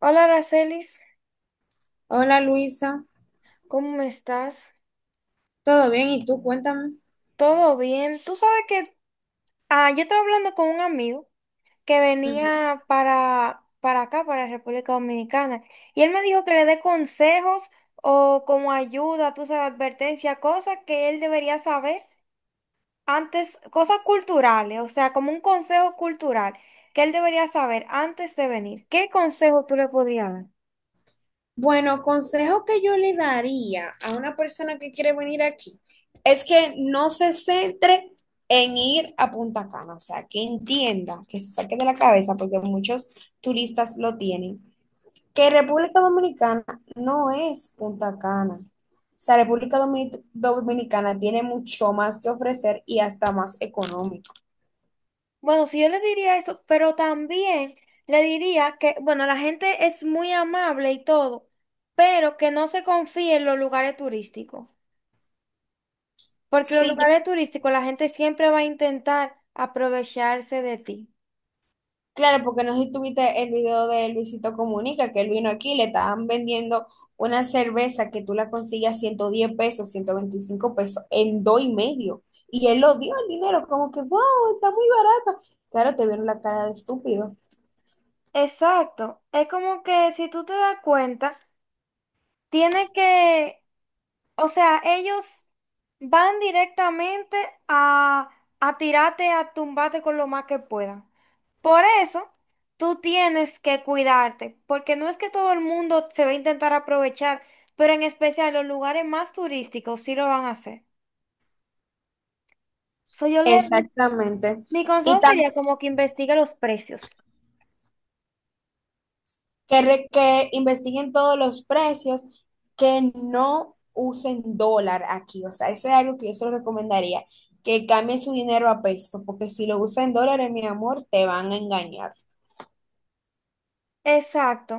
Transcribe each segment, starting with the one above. Hola, Aracelis, Hola Luisa, ¿cómo estás? ¿todo bien? ¿Y tú? Cuéntame. ¿Todo bien? Tú sabes que yo estaba hablando con un amigo que Ujú. venía para acá, para República Dominicana, y él me dijo que le dé consejos o como ayuda, tú sabes, advertencia, cosas que él debería saber antes, cosas culturales, o sea, como un consejo cultural que él debería saber antes de venir. ¿Qué consejo tú le podrías dar? Bueno, consejo que yo le daría a una persona que quiere venir aquí es que no se centre en ir a Punta Cana, o sea, que entienda, que se saque de la cabeza, porque muchos turistas lo tienen, que República Dominicana no es Punta Cana. O sea, República Dominicana tiene mucho más que ofrecer y hasta más económico. Bueno, sí, yo le diría eso, pero también le diría que, bueno, la gente es muy amable y todo, pero que no se confíe en los lugares turísticos, porque los Si lugares turísticos la gente siempre va a intentar aprovecharse de ti. Claro, porque no sé si tuviste el video de Luisito Comunica, que él vino aquí, le estaban vendiendo una cerveza que tú la consigues a 110 pesos, 125 pesos, en dos y medio. Y él lo dio el dinero, como que, wow, está muy barato. Claro, te vieron la cara de estúpido. Exacto, es como que si tú te das cuenta, tiene que, o sea, ellos van directamente a, a tirarte, a tumbarte con lo más que puedan. Por eso, tú tienes que cuidarte, porque no es que todo el mundo se va a intentar aprovechar, pero en especial los lugares más turísticos sí lo van a hacer. So, yo le, mi Exactamente. mi Y consejo también sería como que investigue los precios. que, que investiguen todos los precios, que no usen dólar aquí. O sea, eso es algo que yo se lo recomendaría, que cambien su dinero a peso, porque si lo usan en dólares, mi amor, te van a engañar. Exacto.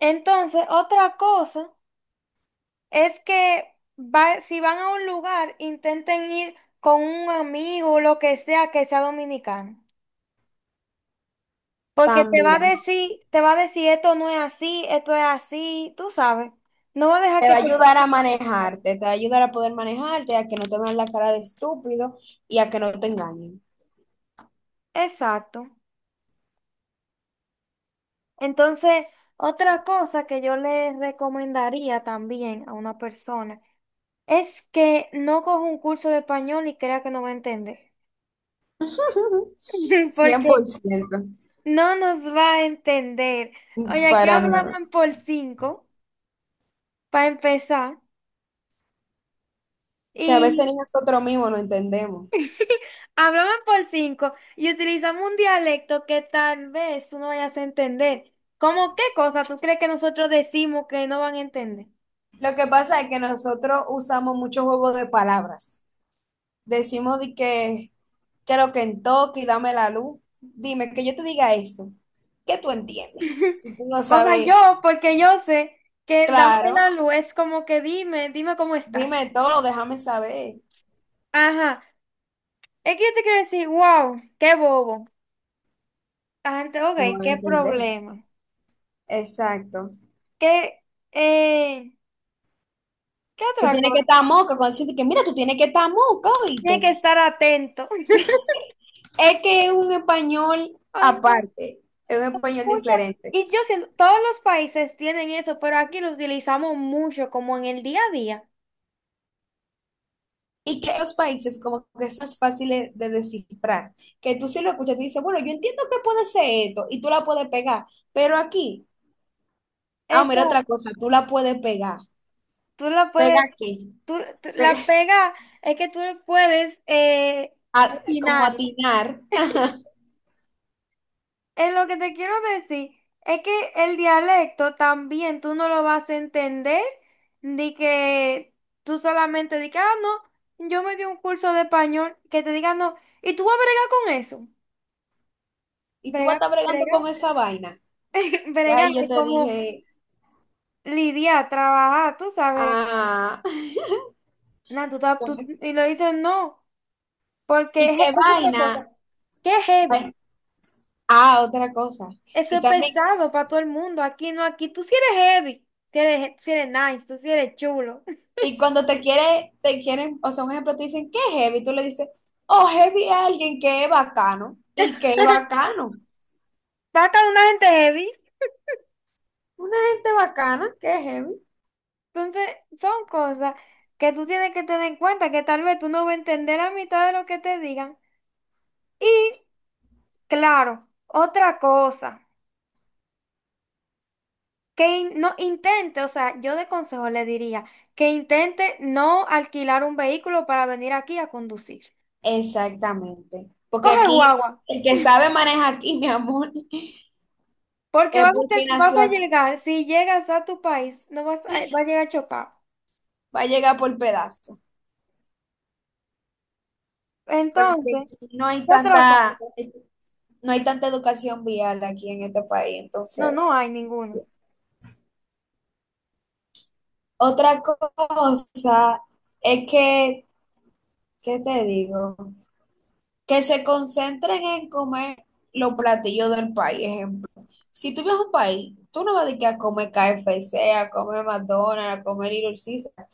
Entonces, otra cosa es que si van a un lugar, intenten ir con un amigo, o lo que sea dominicano. Porque te va a También decir, te va a decir, esto no es así, esto es así, tú sabes. No va a dejar te va que a te ayudar pase a esas cosas. manejarte, te va a ayudar a poder manejarte, a que no te vean la cara de estúpido y a que no te engañen. Exacto. Entonces, otra cosa que yo le recomendaría también a una persona es que no coja un curso de español y crea que no va a entender. cien Porque por ciento no nos va a entender. Oye, aquí para nada. hablaban por cinco, para empezar. Que a veces Y ni nosotros mismos no entendemos. hablaban por cinco y utilizamos un dialecto que tal vez tú no vayas a entender. ¿Cómo qué cosa tú crees que nosotros decimos que no van a entender? Lo que pasa es que nosotros usamos mucho juego de palabras. Decimos de que creo que en toque y dame la luz. Dime, que yo te diga eso. ¿Qué tú entiendes? Si tú no O sea, sabes, yo, porque yo sé que dame claro, la luz es como que dime cómo estás. dime todo, déjame saber. Ajá. Es que yo te quiero decir, wow, qué bobo. La gente, ok, No van a qué entender. problema. Exacto. ¿Qué, eh, qué Tú otra tienes que estar cosa? moca cuando dicen de que, mira, tú tienes que estar moca, Tiene ¿oíste? que estar atento. Es que es un español O sea, aparte, es un español mucha- diferente. y yo siento, todos los países tienen eso, pero aquí lo utilizamos mucho, como en el día a día. Y que los países como que son más fáciles de descifrar. Que tú si lo escuchas, tú dices, bueno, yo entiendo que puede ser esto y tú la puedes pegar, pero aquí Ah, Esta, mira otra cosa, tú la puedes pegar. tú la puedes, ¿Pega qué? tú- Pe- La pega, es que tú puedes como opinar. atinar. Es lo que te quiero decir es que el dialecto también tú no lo vas a entender, de que tú solamente di que, ah, no, yo me di un curso de español, que te diga no, y tú vas a bregar con eso. Y tú vas a Brega, estar bregando con brega. esa vaina. Y Bregar ahí yo es te como dije, lidiar, trabajar, tú sabes. ah, Nah, pues, y lo dices no, porque ¿y es- qué es otra cosa. vaina? ¿Qué es Bueno, heavy? ah, otra cosa. Eso Y es también, pesado para todo el mundo. Aquí no, aquí tú sí eres heavy. Si eres, tú sí eres nice, tú sí eres chulo. y cuando te quiere, te quieren, o sea, un ejemplo, te dicen, ¿qué heavy? Tú le dices, oh, heavy es alguien que es bacano. ¿Y qué bacano? Vas con una gente heavy. Una gente bacana, ¿qué heavy? Entonces, son cosas que tú tienes que tener en cuenta, que tal vez tú no vas a entender la mitad de lo que te digan. Y, claro, otra cosa. Que no intente, o sea, yo de consejo le diría que intente no alquilar un vehículo para venir aquí a conducir. Exactamente. Porque Coge el aquí, guagua, el que sabe maneja aquí, mi amor. porque Es porque vas nació a aquí, llegar, si llegas a tu país, no vas a, vas a llegar chocado. va a llegar por pedazo, porque Entonces, aquí no hay ¿qué otra tanta, cosa? no hay tanta educación vial aquí en este país, No, entonces. no hay ninguna. Otra cosa es que, ¿qué te digo? Que se concentren en comer los platillos del país, ejemplo. Si tú vives a un país, tú no vas a ir a comer KFC, a comer McDonald's, a comer Little Caesar,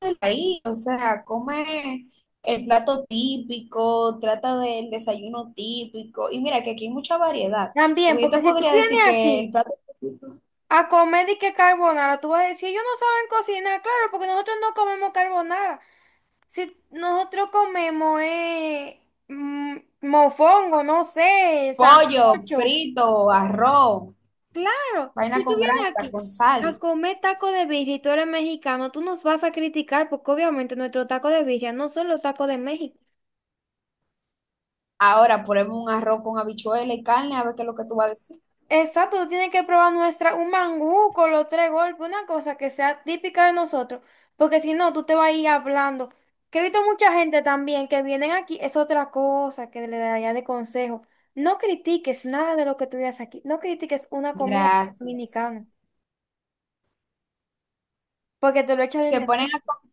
del país, o sea, come el plato típico, trata del desayuno típico, y mira que aquí hay mucha variedad, También, porque yo porque te si tú podría decir vienes que el aquí plato típico, a comer y que carbonara, tú vas a decir, ellos no saben cocinar, claro, porque nosotros no comemos carbonara. Si nosotros comemos mofongo, no sé, pollo, sancocho, frito, arroz, claro, vaina si tú con vienes grasa, aquí con a sal. comer taco de birria y tú eres mexicano, tú nos vas a criticar porque obviamente nuestros tacos de birria no son los tacos de México. Ahora ponemos un arroz con habichuela y carne, a ver qué es lo que tú vas a decir. Exacto, tú tienes que probar nuestra, un mangú con los tres golpes, una cosa que sea típica de nosotros, porque si no, tú te vas a ir hablando. Que he visto mucha gente también que vienen aquí, es otra cosa que le daría de consejo. No critiques nada de lo que tú veas aquí, no critiques una comida Gracias. dominicana, porque te lo echas de Se ponen enemigo, a.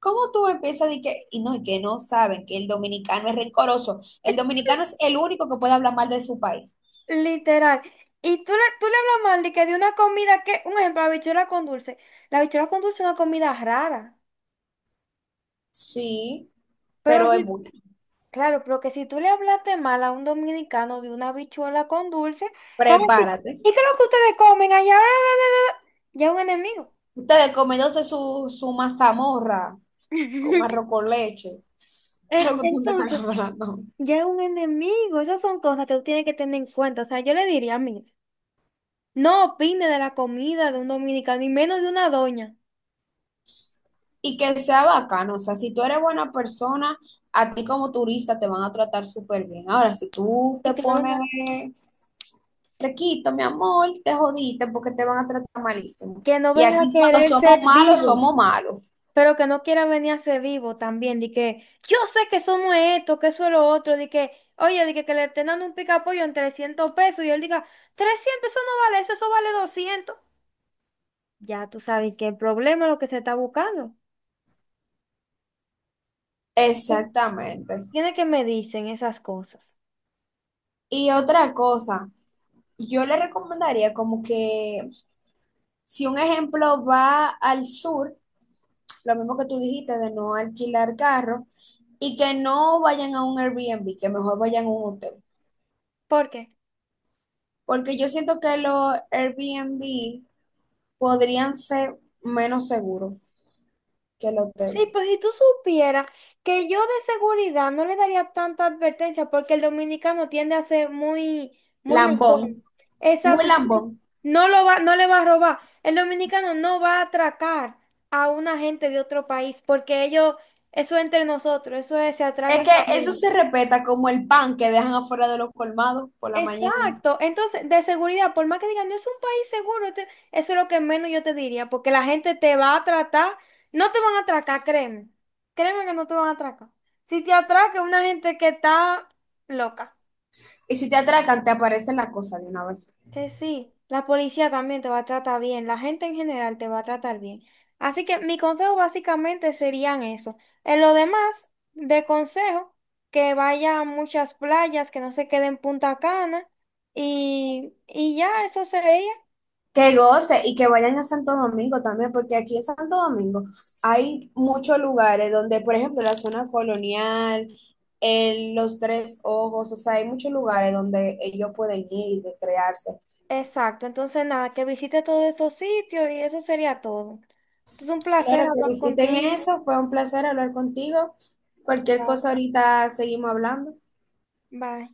¿Cómo tú empiezas de que, y no, y que no saben que el dominicano es rencoroso? El dominicano es el único que puede hablar mal de su país. literal. Y tú le hablas mal de que de una comida que, un ejemplo, la habichuela con dulce. La habichuela con dulce es una comida rara, Sí, pero pero es bueno. claro, pero que si tú le hablaste mal a un dominicano de una habichuela con dulce, te van a decir, Prepárate. ¿y qué es lo que ustedes comen allá? Ya es un enemigo. Ustedes comiéndose su, su mazamorra con arroz con leche. E- Creo que tú me estás Entonces, hablando. ya es un enemigo. Esas son cosas que tú tienes que tener en cuenta. O sea, yo le diría, a mí, no opine de la comida de un dominicano y menos de una doña. Y que sea bacano. O sea, si tú eres buena persona, a ti como turista te van a tratar súper bien. Ahora, si tú Y te pones de requito, mi amor, te jodiste porque te van a tratar malísimo. que no Y venga a aquí cuando querer ser somos malos, vivo. somos malos. Pero que no quiera venir a ser vivo también, de que yo sé que eso no es esto, que eso es lo otro, de que, oye, de que le estén dando un picapollo en 300 pesos y él diga, 300, eso no vale eso, eso vale 200. Ya tú sabes que el problema es lo que se está buscando. Exactamente. Tiene que medirse en esas cosas. Y otra cosa, yo le recomendaría como que si un ejemplo va al sur, lo mismo que tú dijiste de no alquilar carro y que no vayan a un Airbnb, que mejor vayan a un hotel. ¿Por qué? Porque yo siento que los Airbnb podrían ser menos seguros que el Sí, hotel. pues si tú supieras que yo de seguridad no le daría tanta advertencia porque el dominicano tiende a ser muy, muy loco. Lambón, muy Exacto, entonces lambón. no lo va, no le va a robar. El dominicano no va a atracar a una gente de otro país porque ellos, eso es entre nosotros, eso es, se atraca Es en que eso familia. se respeta como el pan que dejan afuera de los colmados por la mañana. Exacto. Entonces, de seguridad, por más que digan, no es un país seguro, eso es lo que menos yo te diría, porque la gente te va a tratar, no te van a atracar, créeme. Créeme que no te van a atracar. Si te atraca es una gente que está loca, Y si te atracan, te aparece la cosa de una vez. que sí, la policía también te va a tratar bien, la gente en general te va a tratar bien. Así que mi consejo básicamente serían eso. En lo demás, de consejo, que vaya a muchas playas, que no se quede en Punta Cana. Y ya, eso sería. Que goce y que vayan a Santo Domingo también, porque aquí en Santo Domingo hay muchos lugares donde, por ejemplo, la zona colonial, los Tres Ojos, o sea, hay muchos lugares donde ellos pueden ir y recrearse. Exacto, entonces nada, que visite todos esos sitios y eso sería todo. Entonces un placer Claro que hablar visiten contigo. eso, fue un placer hablar contigo. Cualquier Bye. cosa ahorita seguimos hablando. Bye.